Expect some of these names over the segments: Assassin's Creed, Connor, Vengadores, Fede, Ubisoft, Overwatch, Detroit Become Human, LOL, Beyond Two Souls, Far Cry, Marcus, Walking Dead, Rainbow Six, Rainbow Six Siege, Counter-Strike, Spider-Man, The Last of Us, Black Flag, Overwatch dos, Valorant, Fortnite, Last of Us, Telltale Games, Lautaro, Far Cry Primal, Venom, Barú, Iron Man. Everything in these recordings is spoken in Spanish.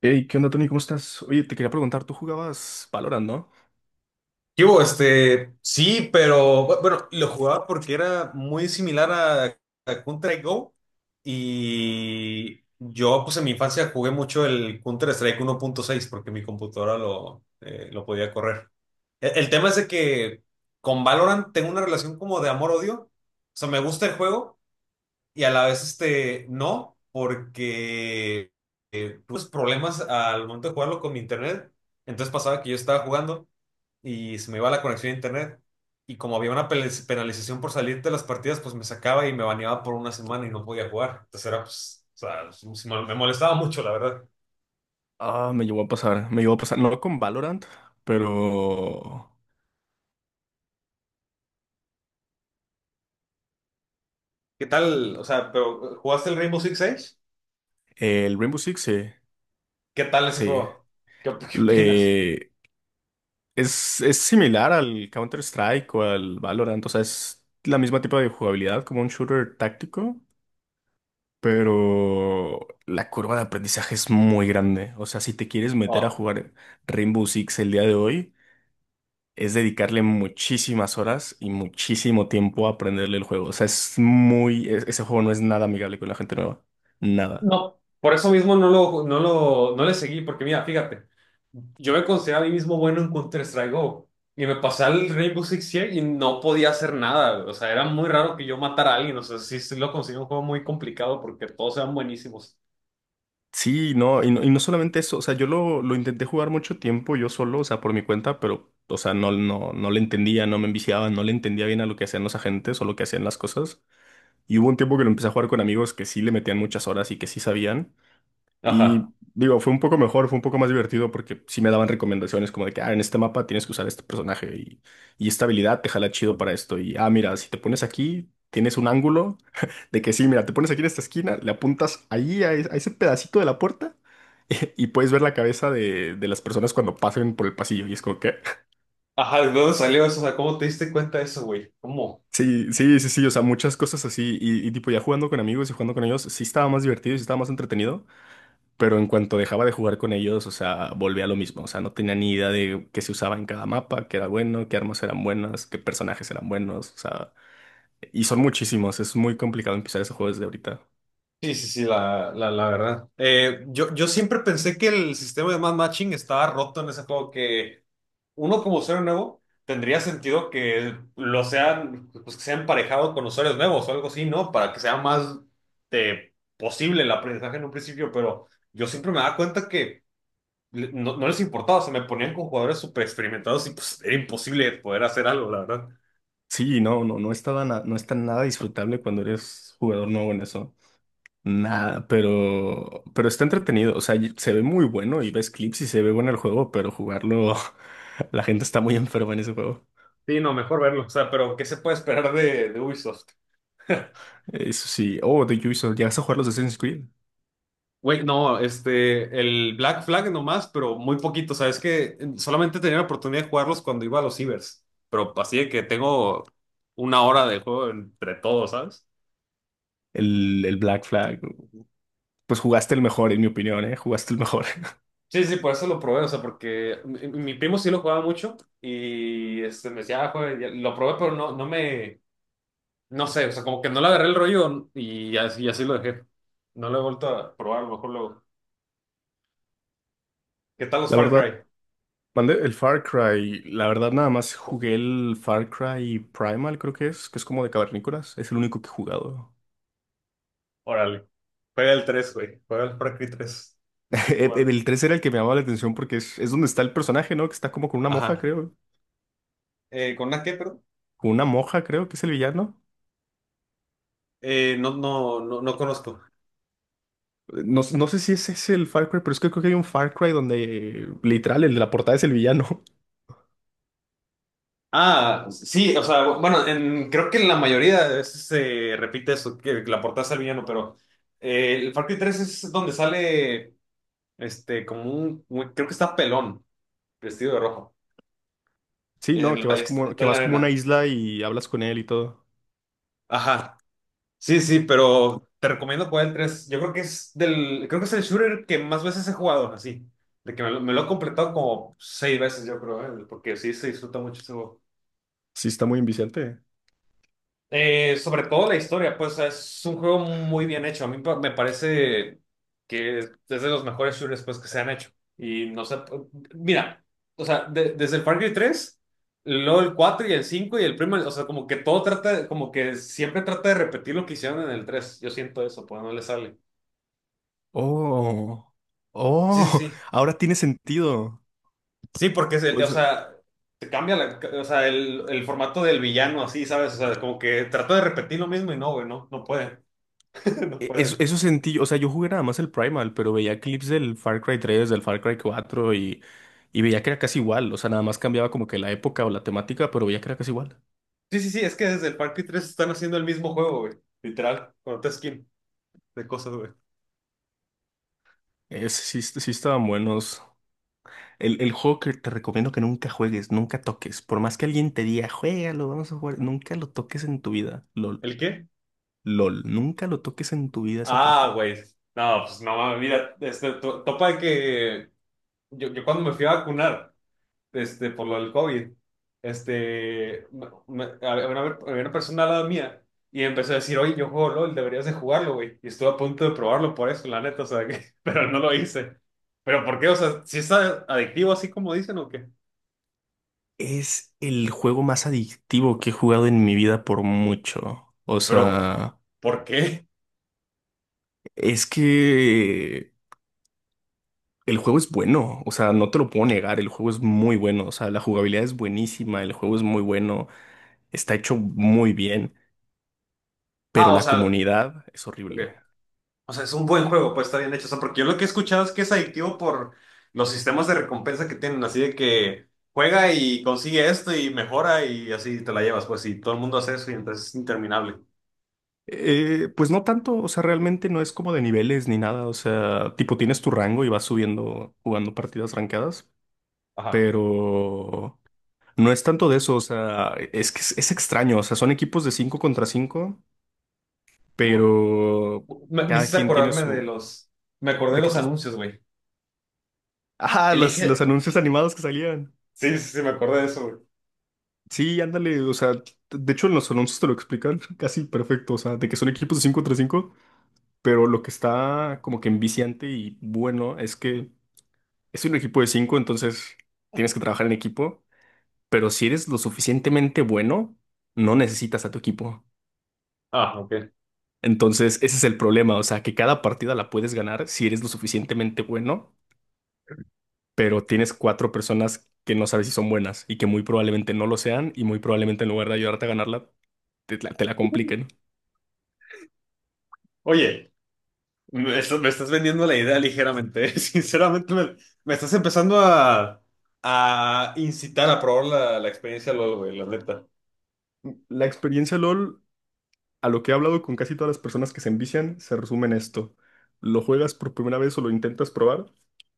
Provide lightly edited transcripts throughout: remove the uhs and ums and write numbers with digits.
Hey, ¿qué onda, Tony? ¿Cómo estás? Oye, te quería preguntar, ¿tú jugabas Valorant, no? ¿Qué hubo? Sí, pero bueno, lo jugaba porque era muy similar a Counter Go y yo pues en mi infancia jugué mucho el Counter Strike 1.6 porque mi computadora lo podía correr. El tema es de que con Valorant tengo una relación como de amor-odio. O sea, me gusta el juego, y a la vez no, porque tuve problemas al momento de jugarlo con mi internet. Entonces pasaba que yo estaba jugando y se me iba la conexión a internet. Y como había una penalización por salir de las partidas, pues me sacaba y me baneaba por una semana y no podía jugar. Entonces era, pues, o sea, sí me molestaba mucho, la verdad. Ah, me llegó a pasar, me llegó a pasar, no con Valorant, pero ¿Qué tal? O sea, pero ¿jugaste el Rainbow Six Siege? el Rainbow Six, sí, ¿Qué tal ese sí. juego? ¿Qué opinas? Le- es similar al Counter-Strike o al Valorant, o sea, es la misma tipo de jugabilidad como un shooter táctico, pero la curva de aprendizaje es muy grande. O sea, si te quieres meter a Oh, jugar Rainbow Six el día de hoy, es dedicarle muchísimas horas y muchísimo tiempo a aprenderle el juego. O sea, es muy, ese juego no es nada amigable con la gente nueva. Nada. no, por eso mismo no le seguí, porque mira, fíjate. Yo me considero a mí mismo bueno en Counter-Strike Go. Y me pasaba el Rainbow Six Siege y no podía hacer nada. O sea, era muy raro que yo matara a alguien. O sea, sí, sí lo conseguí un juego muy complicado porque todos eran buenísimos. Sí, no, y no solamente eso, o sea, yo lo intenté jugar mucho tiempo yo solo, o sea, por mi cuenta, pero, o sea, no, no, no le entendía, no me enviciaba, no le entendía bien a lo que hacían los agentes o lo que hacían las cosas. Y hubo un tiempo que lo empecé a jugar con amigos que sí le metían muchas horas y que sí sabían. Ajá. Y digo, fue un poco mejor, fue un poco más divertido porque sí me daban recomendaciones como de que, ah, en este mapa tienes que usar este personaje y esta habilidad te jala chido para esto. Y, ah, mira, si te pones aquí, tienes un ángulo de que sí, mira, te pones aquí en esta esquina, le apuntas ahí a, a ese pedacito de la puerta y puedes ver la cabeza de las personas cuando pasen por el pasillo. Y es como que... Ajá, ¿de dónde salió eso? O sea, ¿cómo te diste cuenta de eso, güey? ¿Cómo? Sí, sí, sí, sí, o sea, muchas cosas así. Y tipo, ya jugando con amigos y jugando con ellos, sí estaba más divertido y sí estaba más entretenido. Pero en cuanto dejaba de jugar con ellos, o sea, volvía a lo mismo. O sea, no tenía ni idea de qué se usaba en cada mapa, qué era bueno, qué armas eran buenas, qué personajes eran buenos. O sea, y son muchísimos. Es muy complicado empezar ese juego desde ahorita. Sí, sí, sí, la verdad. Yo siempre pensé que el sistema de matching estaba roto en ese juego, que uno como usuario nuevo tendría sentido que lo sean, pues que sea emparejado con usuarios nuevos o algo así, ¿no? Para que sea más posible el aprendizaje en un principio, pero yo siempre me daba cuenta que no les importaba, se me ponían con jugadores súper experimentados y pues era imposible poder hacer algo, la verdad. Sí, no, no, no estaba no está nada disfrutable cuando eres jugador nuevo en eso. Nada, pero está entretenido. O sea, se ve muy bueno y ves clips y se ve bueno el juego, pero jugarlo, la gente está muy enferma en ese juego. Sí, no, mejor verlo. O sea, pero ¿qué se puede esperar de Ubisoft? Eso sí. Oh, The Ubisoft, ¿llegas a jugar los Assassin's Creed? Güey, no, el Black Flag nomás, pero muy poquito. O sea, es que solamente tenía la oportunidad de jugarlos cuando iba a los cibers, pero así de que tengo una hora de juego entre todos, ¿sabes? El Black Flag. Pues jugaste el mejor, en mi opinión, ¿eh? Jugaste el mejor. Sí, sí, por eso lo probé. O sea, porque mi primo sí lo jugaba mucho y me decía, "Ah, juega", y lo probé, pero no sé, o sea, como que no le agarré el rollo, y así lo dejé. No lo he vuelto a probar, a lo mejor luego. ¿Qué tal los La Far verdad, Cry? mandé el Far Cry. La verdad, nada más jugué el Far Cry Primal, creo que es como de cavernícolas. Es el único que he jugado. Órale, juega el tres, güey, juega el Far Cry tres, es que El jugar. el 3 era el que me llamaba la atención porque es donde está el personaje, ¿no? Que está como con una moja, Ajá. creo. ¿Con una qué, perdón? Con una moja, creo que es el villano. No, no, no, no conozco. No, no sé si ese es el Far Cry, pero es que creo que hay un Far Cry donde literal el de la portada es el villano. Ah, sí, o sea, bueno, creo que en la mayoría de veces se repite eso, que la portada es el villano, pero el Far Cry tres es donde sale, como un, creo que está pelón, vestido de rojo, Sí, no, que vas está, como, está que en la vas como a una arena. isla y hablas con él y todo. Ajá, sí, sí, pero te recomiendo jugar el 3. Yo creo que creo que es el shooter que más veces he jugado, así, de que me lo he completado como seis veces, yo creo, porque sí se disfruta mucho ese juego. Sí, está muy inviciante. Sobre todo la historia, pues es un juego muy bien hecho. A mí me parece que es de los mejores shooters, pues, que se han hecho. Y no sé, mira, o sea, desde el Far Cry tres, luego el 4 y el 5 y el primo, o sea, como que todo trata, como que siempre trata de repetir lo que hicieron en el tres. Yo siento eso, pues no le sale. Oh, Sí, sí, oh, sí. ahora tiene sentido. Sí, porque O o sea, sea, te cambia la, o sea, el formato del villano, así, ¿sabes? O sea, como que trata de repetir lo mismo y no, güey, no puede, no e- puede. eso, eso sentí, yo. O sea, yo jugué nada más el Primal, pero veía clips del Far Cry 3, del Far Cry 4 y veía que era casi igual. O sea, nada más cambiaba como que la época o la temática, pero veía que era casi igual. Sí, sí, sí, es que desde el Far Cry 3 están haciendo el mismo juego, güey. Literal, con otra skin de cosas, güey. Sí, sí estaban buenos. El juego que te recomiendo que nunca juegues, nunca toques. Por más que alguien te diga, juégalo, vamos a jugar, nunca lo toques en tu vida. LOL. ¿El qué? LOL, nunca lo toques en tu vida esa cosa. Ah, güey. No, pues no mames, mira, topa de que yo cuando me fui a vacunar, por lo del COVID, este, me- me- había una, había una persona al lado mía y empezó a decir, "Oye, yo juego LOL, deberías de jugarlo, güey". Y estuve a punto de probarlo por eso, la neta, o sea, que, pero no lo hice. ¿Pero por qué? O sea, ¿si es adictivo así como dicen o qué? Es el juego más adictivo que he jugado en mi vida por mucho. O Pero, sea, ¿por qué? es que el juego es bueno. O sea, no te lo puedo negar. El juego es muy bueno. O sea, la jugabilidad es buenísima. El juego es muy bueno. Está hecho muy bien. Pero Ah, o la sea, comunidad es ok. horrible. O sea, es un buen juego, pues está bien hecho. O sea, porque yo lo que he escuchado es que es adictivo por los sistemas de recompensa que tienen, así de que juega y consigue esto y mejora y así te la llevas, pues, y todo el mundo hace eso y entonces es interminable. Pues no tanto. O sea, realmente no es como de niveles ni nada. O sea, tipo, tienes tu rango y vas subiendo jugando partidas rankeadas. Ajá. Pero no es tanto de eso, o sea, es que es extraño, o sea, son equipos de 5 contra 5, Y bueno, pero me cada hiciste quien tiene acordarme de su... los, me acordé de ¿De qué los cosa? anuncios, güey. Ah, los Elige. anuncios animados que salían. Sí, sí, sí, me acordé de eso, güey. Sí, ándale, o sea, de hecho en los anuncios te lo explican casi perfecto, o sea, de que son equipos de 5 contra 5, pero lo que está como que enviciante y bueno es que es un equipo de 5, entonces tienes que trabajar en equipo, pero si eres lo suficientemente bueno, no necesitas a tu equipo. Ah, ok. Entonces, ese es el problema, o sea, que cada partida la puedes ganar si eres lo suficientemente bueno, pero tienes cuatro personas que no sabes si son buenas y que muy probablemente no lo sean y muy probablemente en lugar de ayudarte a ganarla, te la compliquen. Oye, me estás vendiendo la idea ligeramente, sinceramente me estás empezando a incitar a probar la experiencia LOL, güey, la neta. La experiencia LOL, a lo que he hablado con casi todas las personas que se envician, se resume en esto. Lo juegas por primera vez o lo intentas probar.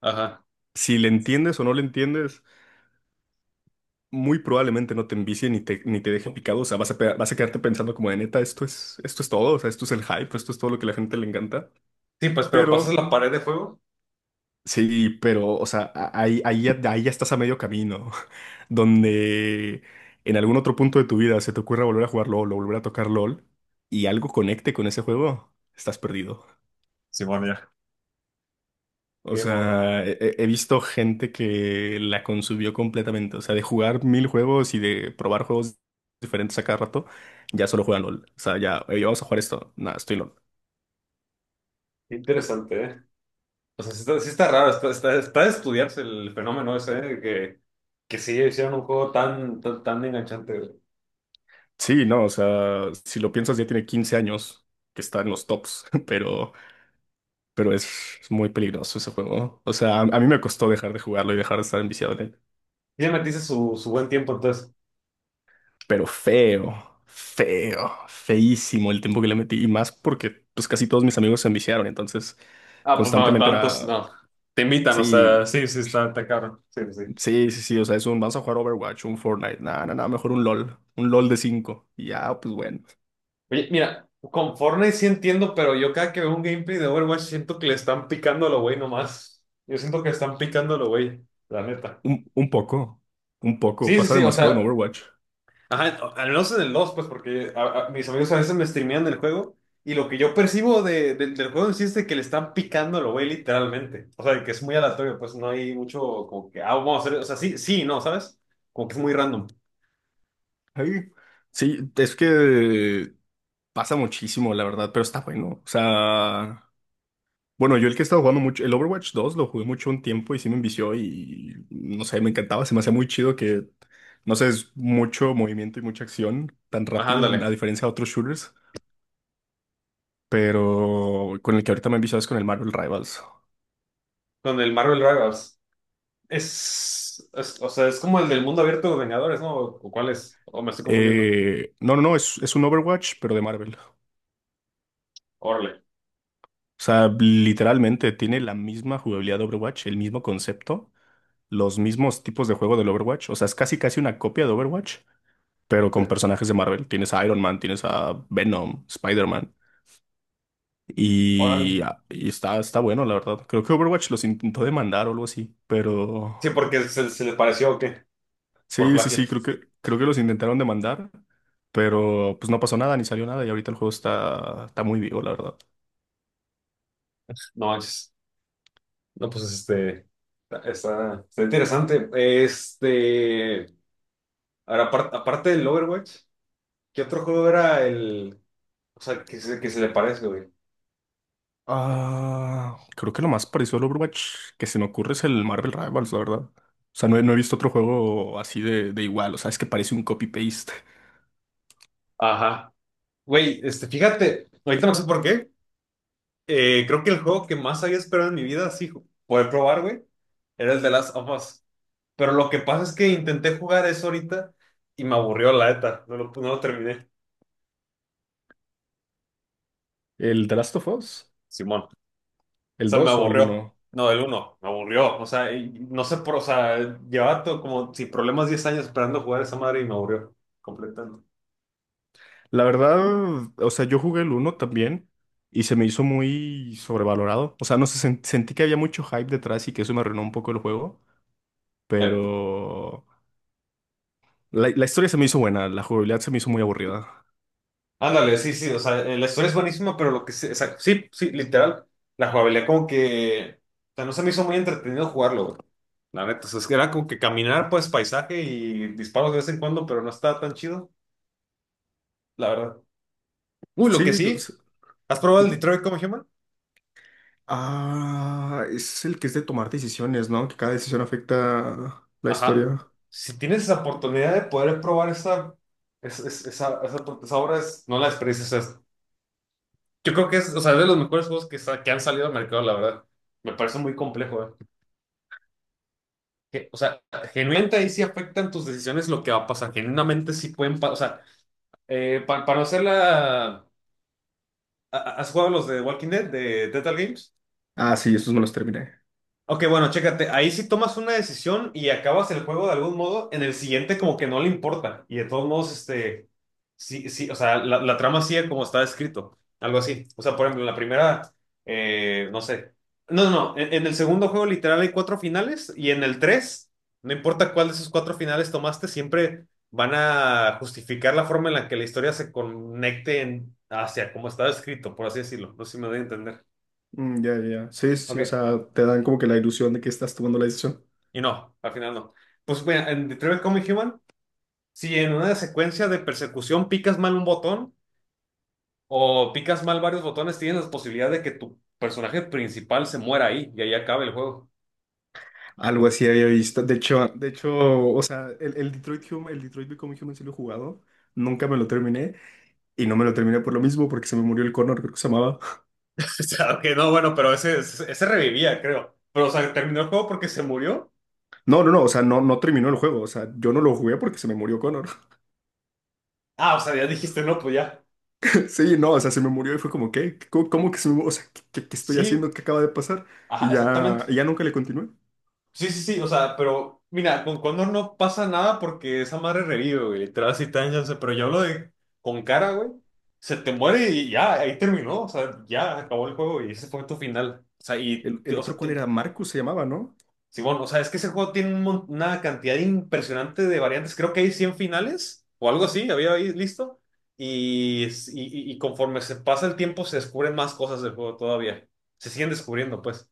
Ajá. Si le entiendes o no le entiendes, muy probablemente no te envicie ni te, ni te deje picado. O sea, vas a quedarte pensando como de neta, esto es todo. O sea, esto es el hype, esto es todo lo que a la gente le encanta. Sí, pues, pero pasas Pero, la pared de fuego. sí, pero, o sea, ahí ya estás a medio camino, donde en algún otro punto de tu vida se te ocurra volver a jugar LOL o volver a tocar LOL y algo conecte con ese juego, estás perdido. Simón, ya. O Game over. sea, he visto gente que la consumió completamente, o sea, de jugar mil juegos y de probar juegos diferentes a cada rato, ya solo juegan LOL. O sea, ya, "Ey, vamos a jugar esto, nada, estoy en LOL". Qué interesante, ¿eh? O sea, sí está raro, está de estudiarse el fenómeno ese, ¿eh? De que sí hicieron un juego tan, tan, tan enganchante, güey. Sí, no, o sea, si lo piensas ya tiene 15 años que está en los tops, pero es muy peligroso ese juego. O sea, a mí me costó dejar de jugarlo y dejar de estar enviciado en él. Y ya metiste su buen tiempo, entonces. Pero feo, feo, feísimo el tiempo que le metí. Y más porque pues casi todos mis amigos se enviciaron, entonces Ah, pues no, constantemente tantos, era, no. Te invitan, o sí, sea, sí, sí, está cabrón. Sí, sí. Sí. sí, sí, sí, o sea, vamos a jugar Overwatch, un Fortnite, nada, nada, mejor un LOL de cinco. Y ya, pues bueno, Oye, mira, con Fortnite sí entiendo, pero yo cada que veo un gameplay de Overwatch siento que le están picando a lo güey nomás. Yo siento que están picando a lo güey, la neta. un poco, un poco, Sí, sí, pasa sí, o demasiado en sea. Overwatch. Ajá, al menos en el dos, pues, porque mis amigos a veces me streamean el juego y lo que yo percibo del juego en sí es de que le están picando a lo güey literalmente. O sea, de que es muy aleatorio, pues no hay mucho como que, ah, vamos a hacer, o sea, sí, sí, no, ¿sabes? Como que es muy random. Ay, sí, es que pasa muchísimo, la verdad, pero está bueno. O sea, bueno, yo el que he estado jugando mucho, el Overwatch dos lo jugué mucho un tiempo y sí me envició y no sé, me encantaba, se me hacía muy chido que, no sé, es mucho movimiento y mucha acción tan Ajá, rápido, a ándale. diferencia de otros shooters, pero con el que ahorita me he enviciado es con el Marvel Rivals. Con el Marvel Rivals. O sea, es como el del mundo abierto de Vengadores, ¿no? ¿O cuál es? ¿O me estoy confundiendo? No, no, no, es un Overwatch, pero de Marvel. Órale. O sea, literalmente tiene la misma jugabilidad de Overwatch, el mismo concepto, los mismos tipos de juego del Overwatch, o sea, es casi casi una copia de Overwatch pero Sí. con personajes de Marvel. Tienes a Iron Man, tienes a Venom, Spider-Man. Y, Órale. ah, y está bueno, la verdad. Creo que Overwatch los intentó demandar o algo así, pero Sí, porque se le pareció o qué, por sí, sí, sí, plagio. creo que los intentaron demandar, pero pues no pasó nada, ni salió nada, y ahorita el juego está muy vivo, la verdad. No manches. No, pues interesante. Ahora, aparte del Overwatch, ¿qué otro juego era el, o sea, que se le parece, güey? Ah, creo que lo más parecido al Overwatch que se me ocurre es el Marvel Rivals, la verdad. O sea, no he visto otro juego así de igual, o sea, es que parece un copy-paste. Ajá. Güey, fíjate, ahorita no sé por qué, creo que el juego que más había esperado en mi vida, sí, poder probar, güey, era el de Last of Us. Pero lo que pasa es que intenté jugar eso ahorita y me aburrió, la neta, no lo terminé. ¿El The Last of Us? Simón. ¿El Sea, me 2 o el aburrió. uno? No, el uno, me aburrió. O sea, y no sé por, o sea, llevaba como sin problemas 10 años esperando jugar esa madre y me aburrió completamente. La verdad, o sea, yo jugué el uno también y se me hizo muy sobrevalorado. O sea, no sé, sentí que había mucho hype detrás y que eso me arruinó un poco el juego, Eh, pero la historia se me hizo buena, la jugabilidad se me hizo muy aburrida. Ándale, sí, sí, o sea, la historia es buenísima, pero lo que sí, o sea, sí, sí, literal, la jugabilidad como que, o sea, no se me hizo muy entretenido jugarlo, güey. La neta, o sea, es que era como que caminar, pues, paisaje y disparos de vez en cuando, pero no estaba tan chido, la verdad. Uy, lo que Sí, sí, pues, ¿has probado el dime. Detroit Become Human? Ah, es el que es de tomar decisiones, ¿no? Que cada decisión afecta la Ajá. historia. Si tienes esa oportunidad de poder probar esa, es- es- esa, esa, esa obra, no la desperdicies. O sea, yo creo que o sea, es de los mejores juegos que, que han salido al mercado, la verdad. Me parece muy complejo, ¿eh? Que, o sea, genuinamente ahí sí afectan tus decisiones lo que va a pasar. Genuinamente sí pueden pasar. O sea, para no hacerla... ¿Has jugado los de Walking Dead, de Telltale Games? Ah, sí, esos me los terminé. Ok, bueno, chécate, ahí sí tomas una decisión y acabas el juego de algún modo, en el siguiente como que no le importa. Y de todos modos, sí, sí, o sea, la trama sigue como está escrito, algo así. O sea, por ejemplo, en la primera, no sé. No, no, no, en el segundo juego literal hay cuatro finales y en el tres, no importa cuál de esos cuatro finales tomaste, siempre van a justificar la forma en la que la historia se conecte hacia como está escrito, por así decirlo. No sé si me doy a entender. Mm, ya, ya, ya. Sí, sí, sí, o Ok. sea, te dan como que la ilusión de que estás tomando la decisión. Y no, al final no. Pues mira, en Detroit Become Human, si en una secuencia de persecución picas mal un botón o picas mal varios botones, tienes la posibilidad de que tu personaje principal se muera ahí y ahí acabe el juego. Algo así había visto. De hecho, o sea, el Detroit Become Human sí lo he jugado. Nunca me lo terminé. Y no me lo terminé por lo mismo, porque se me murió el Connor, creo que se llamaba. O sea, ok, no, bueno, pero ese revivía, creo. Pero, o sea, terminó el juego porque se murió. No, no, no, o sea, no, no terminó el juego. O sea, yo no lo jugué porque se me murió Connor. Ah, o sea, ya dijiste, no, pues ya. Sí, no, o sea, se me murió y fue como, ¿qué? ¿Cómo que se me murió? O sea, ¿qué estoy haciendo? Sí, ¿Qué acaba de pasar? Y ajá, ya, exactamente. y ya nunca le continué. Sí, sí, sí, o sea, pero mira, con Condor no pasa nada porque esa madre revive, güey. Literal, así tan ya, o sea, pero yo hablo de con Cara, güey. Se te muere y ya, ahí terminó, o sea, ya acabó el juego y ese fue tu final. O sea, El, el o otro, sea, ¿cuál era? Marcus se llamaba, ¿no? sí, bueno, o sea, es que ese juego tiene un una cantidad impresionante de variantes. Creo que hay 100 finales o algo así, había ahí listo. Y, y conforme se pasa el tiempo, se descubren más cosas del juego todavía. Se siguen descubriendo, pues.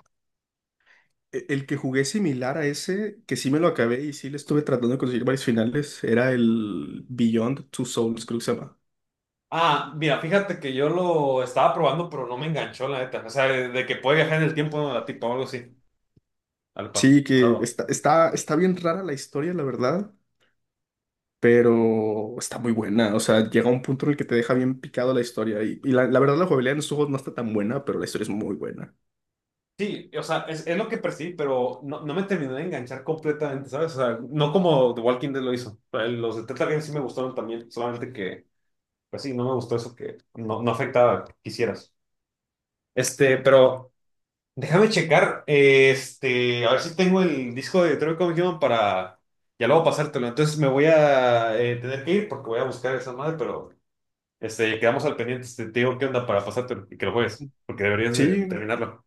El que jugué similar a ese, que sí me lo acabé y sí le estuve tratando de conseguir varios finales, era el Beyond Two Souls, creo que se llama. Ah, mira, fíjate que yo lo estaba probando, pero no me enganchó, la neta. O sea, de que puede viajar en el tiempo, ¿no? La tipo, algo así, al Sí, que pasado. está bien rara la historia, la verdad, pero está muy buena. O sea, llega un punto en el que te deja bien picado la historia. Y la verdad, la jugabilidad en los juegos no está tan buena, pero la historia es muy buena. Sí, o sea, es lo que percibí, pero no me terminó de enganchar completamente, ¿sabes? O sea, no como The Walking Dead lo hizo. Los de Telltale Games sí me gustaron también, solamente que, pues sí, no me gustó eso que no afectaba, quisieras. Pero déjame checar, a ver si tengo el disco de Detroit Become Human para ya luego pasártelo. Entonces me voy a tener que ir porque voy a buscar esa madre, pero quedamos al pendiente. Te digo qué onda para pasártelo y que lo juegues, porque deberías de Sí, terminarlo.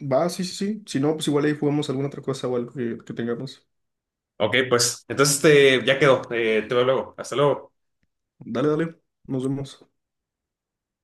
va, sí, sí, sí. Si no, pues igual ahí jugamos alguna otra cosa o algo que tengamos. Ok, pues, entonces ya quedó. Te veo luego. Hasta luego. Dale, dale, nos vemos.